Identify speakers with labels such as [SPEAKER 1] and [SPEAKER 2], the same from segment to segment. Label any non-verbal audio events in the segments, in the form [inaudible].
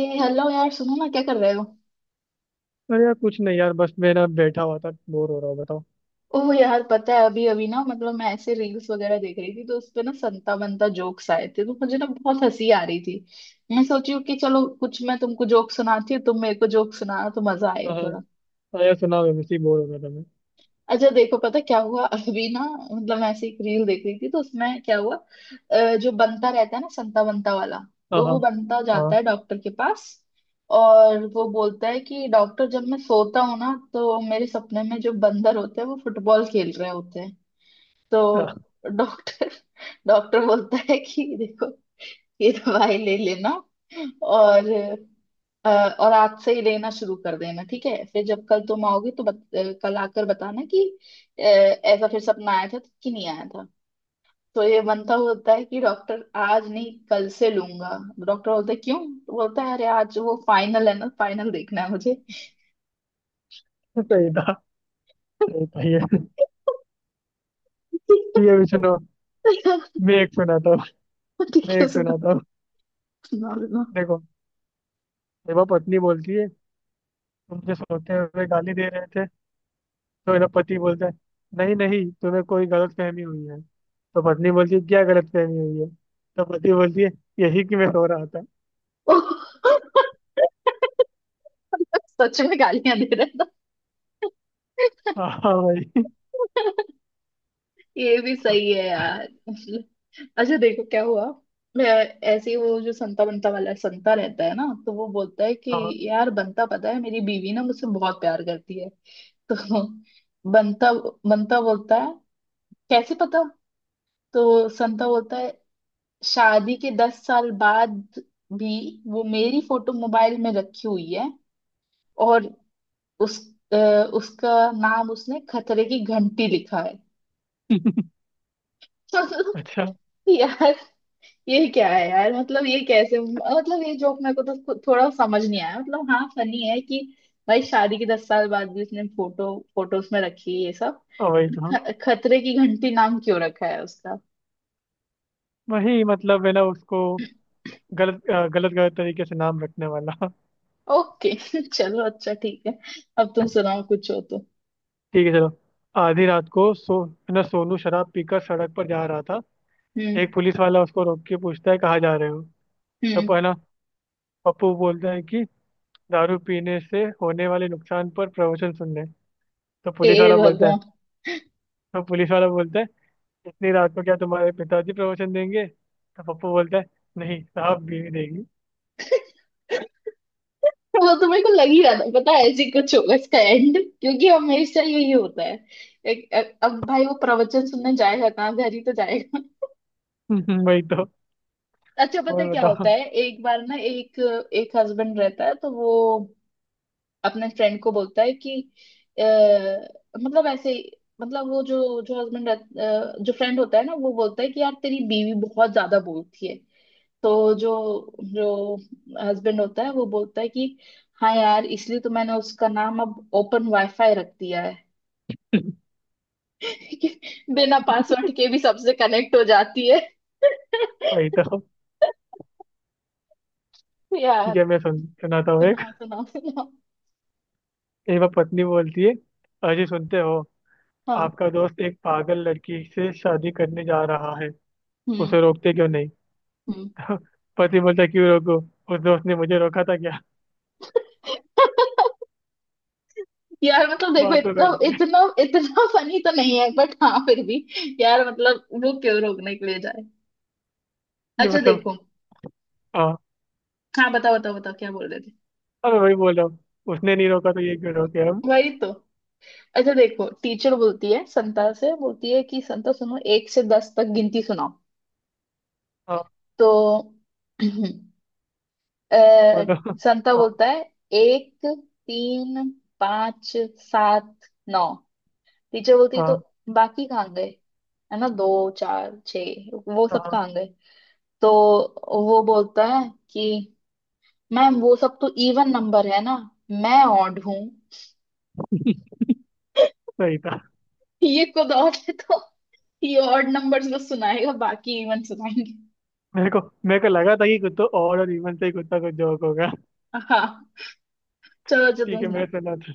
[SPEAKER 1] ए hello यार, सुनो ना, क्या कर रहे हो।
[SPEAKER 2] अरे यार, कुछ नहीं यार। बस मैं ना बैठा हुआ था, बोर हो रहा हूँ, बताओ।
[SPEAKER 1] ओह यार, पता है अभी अभी ना, मतलब मैं ऐसे रील्स वगैरह देख रही थी तो उस पे ना संता बंता जोक्स आए थे तो मुझे ना बहुत हंसी आ रही थी। मैं सोची हूँ कि चलो, कुछ मैं तुमको जोक सुनाती हूँ, तुम मेरे को जोक सुनाना, तो मजा
[SPEAKER 2] हाँ।
[SPEAKER 1] आएगा।
[SPEAKER 2] हाँ यार सुना, मैं वैसे ही बोर हो रहा था मैं।
[SPEAKER 1] अच्छा देखो, पता क्या हुआ अभी ना। मतलब मैं ऐसे एक रील देख रही थी तो उसमें क्या हुआ। जो बनता रहता है ना, संता बनता वाला।
[SPEAKER 2] हाँ
[SPEAKER 1] तो वो
[SPEAKER 2] हाँ
[SPEAKER 1] बनता जाता
[SPEAKER 2] हाँ।
[SPEAKER 1] है डॉक्टर के पास। और वो बोलता है कि डॉक्टर, जब मैं सोता हूँ ना तो मेरे सपने में जो बंदर होते हैं वो फुटबॉल खेल रहे होते हैं।
[SPEAKER 2] हाँ,
[SPEAKER 1] तो डॉक्टर [laughs] डॉक्टर बोलता है कि देखो, ये दवाई ले लेना। और अ, और आज से ही लेना शुरू कर देना, ठीक है। फिर जब कल तुम आओगे तो कल आकर बताना कि ऐसा फिर सपना आया था तो कि नहीं आया था। तो ये बनता होता है कि डॉक्टर, आज नहीं कल से लूंगा। डॉक्टर बोलता है क्यों। तो बोलता है अरे आज वो फाइनल है ना, फाइनल देखना है मुझे।
[SPEAKER 2] सही था। सही था ये। ठीक है, भी सुनो। मैं एक सुनाता हूँ।
[SPEAKER 1] ठीक
[SPEAKER 2] मैं
[SPEAKER 1] है,
[SPEAKER 2] एक
[SPEAKER 1] उसे मत
[SPEAKER 2] सुनाता हूँ
[SPEAKER 1] सुना देना।
[SPEAKER 2] देखो, देवा पत्नी बोलती है, तुम जो सोते हुए गाली दे रहे थे। तो मेरा पति बोलता है, नहीं नहीं, तुम्हें कोई गलत फहमी हुई है। तो पत्नी बोलती है, क्या गलत फहमी हुई है? तो पति बोलती है, यही कि मैं सो रहा था।
[SPEAKER 1] [laughs] सच में गालियां दे रहा था।
[SPEAKER 2] हाँ हाँ, वही।
[SPEAKER 1] [laughs] ये भी सही है यार। अच्छा देखो क्या हुआ। मैं ऐसे ही वो जो संता बनता वाला संता रहता है ना, तो वो बोलता है कि
[SPEAKER 2] हाँ।
[SPEAKER 1] यार बंता, पता है मेरी बीवी ना मुझसे बहुत प्यार करती है। [laughs] तो बंता बंता बोलता है कैसे पता। तो संता बोलता है शादी के 10 साल बाद भी वो मेरी फोटो मोबाइल में रखी हुई है। और उस अ, उसका नाम उसने खतरे की घंटी लिखा है। [laughs]
[SPEAKER 2] अच्छा।
[SPEAKER 1] यार, ये क्या है यार, मतलब ये कैसे, मतलब ये जोक मेरे को तो थोड़ा समझ नहीं आया। मतलब हाँ फनी है कि भाई शादी के 10 साल बाद भी उसने फोटोज में रखी है ये सब।
[SPEAKER 2] हाँ, वही तो। हाँ,
[SPEAKER 1] खतरे की घंटी नाम क्यों रखा है उसका।
[SPEAKER 2] वही मतलब है ना उसको। गलत गलत गलत तरीके से नाम रखने वाला।
[SPEAKER 1] ओके। [laughs] चलो अच्छा ठीक है, अब तुम सुनाओ कुछ हो तो।
[SPEAKER 2] ठीक है चलो। आधी रात को सो है ना, सोनू शराब पीकर सड़क पर जा रहा था।
[SPEAKER 1] हम्म।
[SPEAKER 2] एक पुलिस वाला उसको रोक के पूछता है, कहाँ जा रहे हो? तब
[SPEAKER 1] हम्म।
[SPEAKER 2] है ना पप्पू बोलता है कि दारू पीने से होने वाले नुकसान पर प्रवचन सुनने। तो
[SPEAKER 1] ए
[SPEAKER 2] पुलिस वाला बोलता है।
[SPEAKER 1] भगवान।
[SPEAKER 2] तो पुलिस वाला बोलता है, इतनी रात को क्या तुम्हारे पिताजी प्रवचन देंगे? तो पप्पू बोलता है, नहीं साहब, बीवी देगी।
[SPEAKER 1] वो तो मेरे को लग ही रहा था, पता है ऐसे ही कुछ होगा इसका एंड, क्योंकि हमेशा यही होता है। अब भाई वो प्रवचन सुनने जाएगा कहाँ, घर ही तो जाएगा।
[SPEAKER 2] [laughs] वही तो।
[SPEAKER 1] अच्छा पता है
[SPEAKER 2] और
[SPEAKER 1] क्या
[SPEAKER 2] बताओ।
[SPEAKER 1] होता है, एक बार ना, एक एक हस्बैंड रहता है तो वो अपने फ्रेंड को बोलता है कि अ, मतलब मतलब वो जो जो हस्बैंड जो फ्रेंड होता है ना वो बोलता है कि यार तेरी बीवी बहुत ज्यादा बोलती है। तो जो जो हस्बैंड होता है वो बोलता है कि हाँ यार, इसलिए तो मैंने उसका नाम अब ओपन वाईफाई रख दिया है।
[SPEAKER 2] [laughs]
[SPEAKER 1] [laughs] कि बिना पासवर्ड के भी सबसे कनेक्ट हो जाती है।
[SPEAKER 2] वही
[SPEAKER 1] [laughs]
[SPEAKER 2] तो। ठीक
[SPEAKER 1] यार।
[SPEAKER 2] है, मैं सुनाता हूँ एक।
[SPEAKER 1] सुनाओ सुनाओ सुनाओ।
[SPEAKER 2] एक बार पत्नी बोलती है, अजी सुनते हो,
[SPEAKER 1] हाँ।
[SPEAKER 2] आपका दोस्त एक पागल लड़की से शादी करने जा रहा है,
[SPEAKER 1] हम्म।
[SPEAKER 2] उसे रोकते क्यों नहीं?
[SPEAKER 1] हम्म।
[SPEAKER 2] [laughs] पति बोलता, क्यों रोको? उस दोस्त ने मुझे रोका था क्या?
[SPEAKER 1] यार मतलब
[SPEAKER 2] [laughs]
[SPEAKER 1] देखो,
[SPEAKER 2] बात हो
[SPEAKER 1] इतना
[SPEAKER 2] रही है।
[SPEAKER 1] इतना इतना फनी तो नहीं है, बट हाँ फिर भी। यार मतलब वो क्यों रोकने के लिए जाए।
[SPEAKER 2] [laughs] नहीं
[SPEAKER 1] अच्छा
[SPEAKER 2] मतलब।
[SPEAKER 1] देखो।
[SPEAKER 2] हाँ।
[SPEAKER 1] हाँ बताओ बताओ बताओ क्या बोल रहे थे।
[SPEAKER 2] अब वही बोल रहा हूँ। उसने नहीं रोका तो ये क्यों रोके हम।
[SPEAKER 1] वही तो। अच्छा देखो टीचर बोलती है, संता से बोलती है कि संता सुनो, एक से 10 तक गिनती सुनाओ।
[SPEAKER 2] हाँ
[SPEAKER 1] तो [clears throat] अ,
[SPEAKER 2] बोलो। [laughs]
[SPEAKER 1] संता
[SPEAKER 2] हाँ।
[SPEAKER 1] बोलता है एक, तीन, पाँच, सात, नौ। टीचर बोलती है तो
[SPEAKER 2] हाँ।
[SPEAKER 1] बाकी कहाँ गए, है ना, दो, चार, छः वो सब
[SPEAKER 2] हाँ।
[SPEAKER 1] कहाँ गए। तो वो बोलता है कि मैम वो सब तो इवन नंबर है ना, मैं ऑड हूं।
[SPEAKER 2] सही था।
[SPEAKER 1] [laughs] ये खुद ऑड है तो ये ऑड नंबर्स को सुनाएगा, बाकी इवन सुनाएंगे।
[SPEAKER 2] मेरे को, मेरे को लगा था कि कुत्तों और इवन से ही कुत्ता कुछ जोक होगा।
[SPEAKER 1] हाँ चलो अच्छा,
[SPEAKER 2] ठीक
[SPEAKER 1] तुम
[SPEAKER 2] है
[SPEAKER 1] सुनाओ।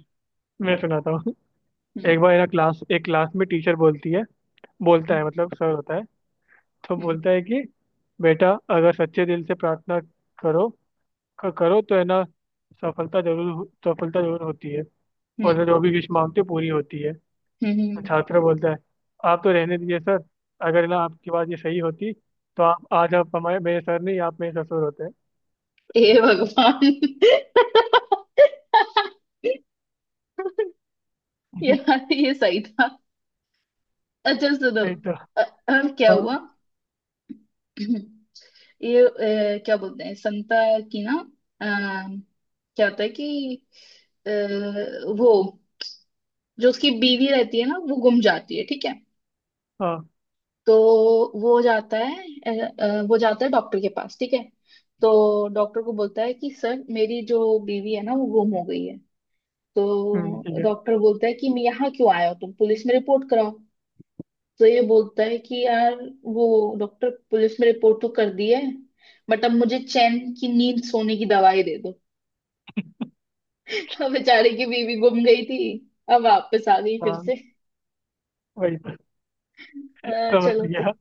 [SPEAKER 2] मैं सुनाता हूँ।
[SPEAKER 1] हम्म।
[SPEAKER 2] एक क्लास में टीचर बोलती है, बोलता
[SPEAKER 1] हम्म।
[SPEAKER 2] है मतलब सर होता है। तो
[SPEAKER 1] हम्म।
[SPEAKER 2] बोलता है कि बेटा, अगर सच्चे दिल से प्रार्थना करो, करो तो है ना सफलता जरूर सफलता जरूर होती है
[SPEAKER 1] हम्म।
[SPEAKER 2] और जो भी विश मांगते हो, पूरी होती है।
[SPEAKER 1] हम्म।
[SPEAKER 2] छात्र बोलता है, आप तो रहने दीजिए सर। अगर ना आपकी बात ये सही होती तो आप आज, आप हमारे मेरे सर नहीं, आप मेरे ससुर होते हैं।
[SPEAKER 1] हे भगवान। [laughs]
[SPEAKER 2] [laughs]
[SPEAKER 1] यार ये सही था। अच्छा सुनो।
[SPEAKER 2] नहीं तो।
[SPEAKER 1] अ- अब क्या
[SPEAKER 2] हाँ
[SPEAKER 1] हुआ। [clears throat] ये क्या बोलते हैं संता की ना, अ, क्या होता है कि अ, वो जो उसकी बीवी रहती है ना, वो गुम जाती है, ठीक है।
[SPEAKER 2] हाँ।
[SPEAKER 1] तो वो जाता है अ, वो जाता है डॉक्टर के पास, ठीक है। तो डॉक्टर को बोलता है कि सर मेरी जो बीवी है ना वो गुम हो गई है।
[SPEAKER 2] ठीक
[SPEAKER 1] तो
[SPEAKER 2] है।
[SPEAKER 1] डॉक्टर बोलता है कि मैं यहाँ क्यों आया हो तुम, पुलिस में रिपोर्ट कराओ। तो ये बोलता है कि यार वो डॉक्टर, पुलिस में रिपोर्ट तो कर दी है, बट अब मुझे चैन की नींद सोने की दवाई दे दो। [laughs] अब बेचारे की बीवी गुम गई थी, अब वापस आ गई फिर
[SPEAKER 2] हाँ
[SPEAKER 1] से।
[SPEAKER 2] वही तो, समझ
[SPEAKER 1] चलो तो।
[SPEAKER 2] गया।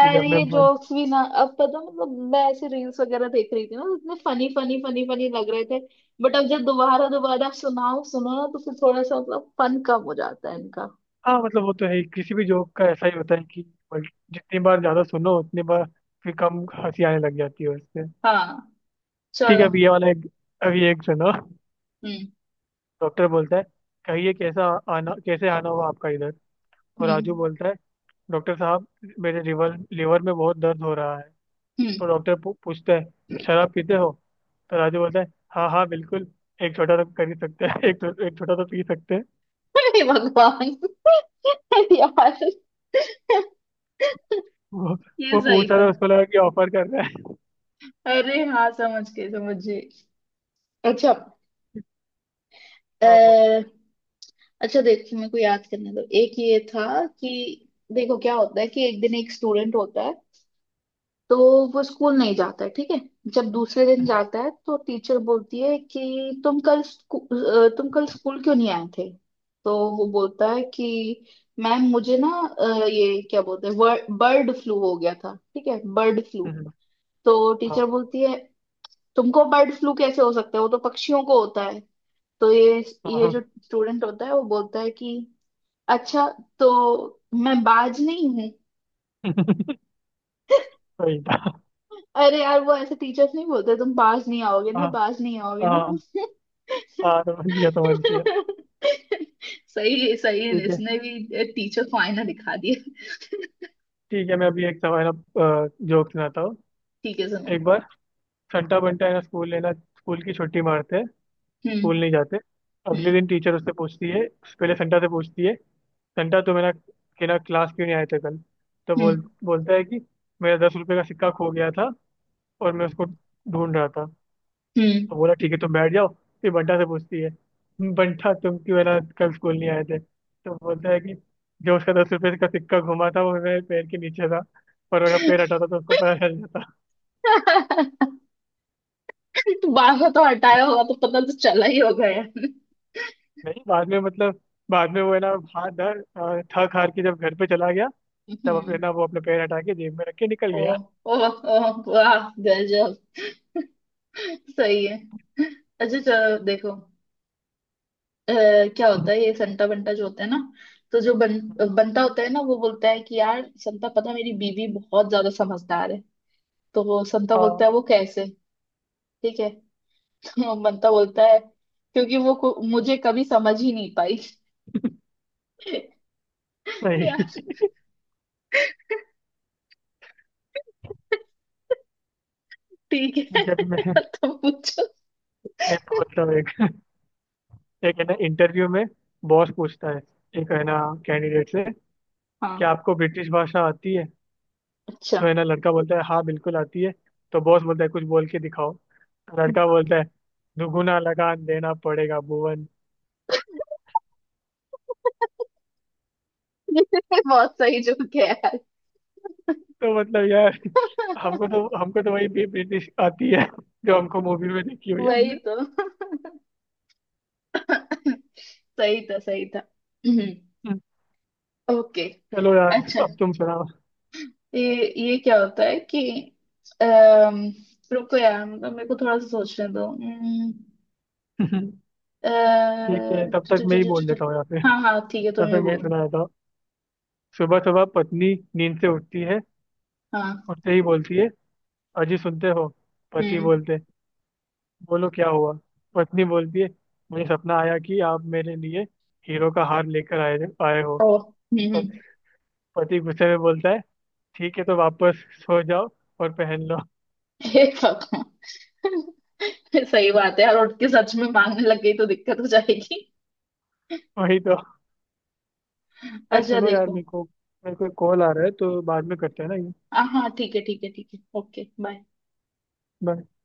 [SPEAKER 2] ठीक है अब मैं।
[SPEAKER 1] ये जोक्स भी ना, अब पता मतलब मैं ऐसे रील्स वगैरह देख रही थी ना तो इतने फनी फनी फनी फनी लग रहे थे। बट अब जब दोबारा दोबारा सुनाओ सुनो ना तो फिर थोड़ा सा मतलब फन कम हो जाता है इनका।
[SPEAKER 2] हाँ मतलब वो तो है ही, किसी भी जॉब का ऐसा ही होता है कि जितनी बार ज्यादा सुनो उतनी बार फिर कम हंसी आने लग जाती है उससे।
[SPEAKER 1] हाँ
[SPEAKER 2] ठीक है,
[SPEAKER 1] चलो।
[SPEAKER 2] अभी ये वाला एक, अभी एक सुनो।
[SPEAKER 1] हम्म।
[SPEAKER 2] डॉक्टर बोलता है, कहिए कैसा आना कैसे आना हुआ आपका इधर? तो राजू
[SPEAKER 1] हम्म।
[SPEAKER 2] बोलता है, डॉक्टर साहब, मेरे रिवर लिवर में बहुत दर्द हो रहा है।
[SPEAKER 1] हम्म।
[SPEAKER 2] तो डॉक्टर पूछता है, शराब पीते हो? तो राजू बोलता है, हाँ हाँ बिल्कुल, एक छोटा तो कर ही सकते हैं, एक छोटा तो पी सकते हैं।
[SPEAKER 1] हे भगवान। [laughs] यार
[SPEAKER 2] वो
[SPEAKER 1] ये
[SPEAKER 2] वो
[SPEAKER 1] सही
[SPEAKER 2] पूछा
[SPEAKER 1] था।
[SPEAKER 2] था, उसको लगा कि ऑफर कर रहा है।
[SPEAKER 1] अरे हाँ समझ गए समझ गए। अच्छा।
[SPEAKER 2] हाँ बोल।
[SPEAKER 1] अः अच्छा देखो मेरे को याद करने दो, एक ये था कि देखो क्या होता है कि एक दिन एक स्टूडेंट होता है तो वो स्कूल नहीं जाता है, ठीक है। जब दूसरे
[SPEAKER 2] [laughs]
[SPEAKER 1] दिन
[SPEAKER 2] हम्म,
[SPEAKER 1] जाता है तो टीचर बोलती है कि तुम कल स्कूल क्यों नहीं आए थे। तो वो बोलता है कि मैम मुझे ना ये क्या बोलते हैं बर्ड फ्लू हो गया था, ठीक है बर्ड फ्लू।
[SPEAKER 2] हम्म,
[SPEAKER 1] तो
[SPEAKER 2] हाँ
[SPEAKER 1] टीचर बोलती है तुमको बर्ड फ्लू कैसे हो सकता है, वो तो पक्षियों को होता है। तो ये जो
[SPEAKER 2] हाँ
[SPEAKER 1] स्टूडेंट होता है वो बोलता है कि अच्छा तो मैं बाज नहीं हूँ।
[SPEAKER 2] सही था।
[SPEAKER 1] अरे यार वो ऐसे टीचर्स नहीं बोलते, तुम बाज नहीं आओगे ना,
[SPEAKER 2] हाँ
[SPEAKER 1] बाज नहीं आओगे ना। [laughs]
[SPEAKER 2] हाँ, हाँ समझ गया, समझ गया।
[SPEAKER 1] सही है सही है,
[SPEAKER 2] ठीक है,
[SPEAKER 1] इसने भी टीचर को आईना दिखा दिया।
[SPEAKER 2] ठीक है, मैं अभी एक सवाल, अब जोक सुनाता हूँ।
[SPEAKER 1] ठीक है सुनो।
[SPEAKER 2] एक बार संटा बंटा है ना, स्कूल की छुट्टी मारते हैं,
[SPEAKER 1] हम्म।
[SPEAKER 2] स्कूल नहीं जाते। अगले
[SPEAKER 1] हम्म।
[SPEAKER 2] दिन टीचर उससे पूछती है, पहले संटा से पूछती है, संटा तुम है ना कि ना क्लास क्यों नहीं आए थे कल? तो
[SPEAKER 1] हम्म।
[SPEAKER 2] बोलता है कि मेरा 10 रुपये का सिक्का खो गया था और मैं उसको ढूंढ रहा था।
[SPEAKER 1] हम्म।
[SPEAKER 2] तो बोला ठीक है, तुम बैठ जाओ। फिर बंटा से पूछती है, बंटा तुम क्यों है ना कल स्कूल नहीं आए थे? तो बोलता है कि जो उसका 10 रुपए का सिक्का घुमा था वो मेरे पैर के नीचे था, पर अगर पैर हटाता तो उसको पता चल जाता।
[SPEAKER 1] [laughs] 12 तो हटाया होगा तो पता तो चला ही होगा यार।
[SPEAKER 2] नहीं बाद में मतलब, बाद में वो है ना, थक हार के जब घर पे चला गया, तब अपने
[SPEAKER 1] हम्म।
[SPEAKER 2] ना वो अपने पैर हटा के जेब में रख के निकल
[SPEAKER 1] ओ।
[SPEAKER 2] गया।
[SPEAKER 1] ओ। ओ। वाह गजब, सही है। अच्छा चलो देखो अ, क्या होता है, ये संता बंटा जो होता है ना, तो जो बंटा होता है ना वो बोलता है कि यार संता, पता है, मेरी बीवी बहुत ज्यादा समझदार है। तो वो संता बोलता
[SPEAKER 2] हाँ
[SPEAKER 1] है वो कैसे, ठीक है। तो बंटा बोलता है क्योंकि वो मुझे कभी समझ ही नहीं पाई। [laughs] यार
[SPEAKER 2] सही।
[SPEAKER 1] ठीक
[SPEAKER 2] ठीक है
[SPEAKER 1] है,
[SPEAKER 2] अभी मैं
[SPEAKER 1] तो पूछो।
[SPEAKER 2] मैं बोलता हूँ एक। एक है ना, इंटरव्यू में बॉस पूछता है, एक है ना कैंडिडेट से,
[SPEAKER 1] हाँ।
[SPEAKER 2] क्या आपको ब्रिटिश भाषा आती है?
[SPEAKER 1] अच्छा।
[SPEAKER 2] तो है ना लड़का बोलता है, हाँ बिल्कुल आती है। तो बॉस बोलता है, कुछ बोल के दिखाओ। तो लड़का बोलता है, दुगुना लगान देना पड़ेगा भुवन।
[SPEAKER 1] [laughs] बहुत सही जो है यार,
[SPEAKER 2] तो मतलब यार, हमको तो वही भी ब्रिटिश आती है जो हमको मूवी में देखी हुई है
[SPEAKER 1] वही
[SPEAKER 2] हमने।
[SPEAKER 1] तो। [laughs] सही था सही था। [clears throat]
[SPEAKER 2] हम्म,
[SPEAKER 1] ओके।
[SPEAKER 2] चलो यार।
[SPEAKER 1] अच्छा
[SPEAKER 2] अब तुम सुनाओ।
[SPEAKER 1] ये क्या होता है कि अम, रुको यार, मतलब मेरे को थोड़ा सा सोचने दो।
[SPEAKER 2] ठीक
[SPEAKER 1] अ,
[SPEAKER 2] है, तब
[SPEAKER 1] टु-
[SPEAKER 2] तक
[SPEAKER 1] टु-
[SPEAKER 2] मैं
[SPEAKER 1] टु-
[SPEAKER 2] ही
[SPEAKER 1] टु- टु-
[SPEAKER 2] बोल
[SPEAKER 1] टु-
[SPEAKER 2] देता हूँ, या फिर,
[SPEAKER 1] हाँ हाँ ठीक है,
[SPEAKER 2] या
[SPEAKER 1] तुम
[SPEAKER 2] फिर
[SPEAKER 1] ये
[SPEAKER 2] मैं ही
[SPEAKER 1] बोलो।
[SPEAKER 2] सुना देता हूँ। सुबह सुबह पत्नी नींद से उठती है,
[SPEAKER 1] हाँ।
[SPEAKER 2] उठते ही बोलती है, अजी सुनते हो? पति
[SPEAKER 1] हम्म।
[SPEAKER 2] बोलते, बोलो क्या हुआ? पत्नी बोलती है, मुझे सपना आया कि आप मेरे लिए हीरो का हार लेकर आए आए हो।
[SPEAKER 1] ओ। हम्म। हम्म।
[SPEAKER 2] पति पति गुस्से में बोलता है, ठीक है तो वापस सो जाओ और पहन लो। [laughs]
[SPEAKER 1] हे भगवान, सही बात है यार, उठ के सच में मांगने लग गई तो दिक्कत हो जाएगी।
[SPEAKER 2] वही तो। पर
[SPEAKER 1] अच्छा
[SPEAKER 2] सुनो यार,
[SPEAKER 1] देखो।
[SPEAKER 2] मेरे को कॉल आ रहा है तो बाद में करते हैं ना ये।
[SPEAKER 1] हाँ हाँ ठीक है ठीक है ठीक है, ओके बाय।
[SPEAKER 2] Bye.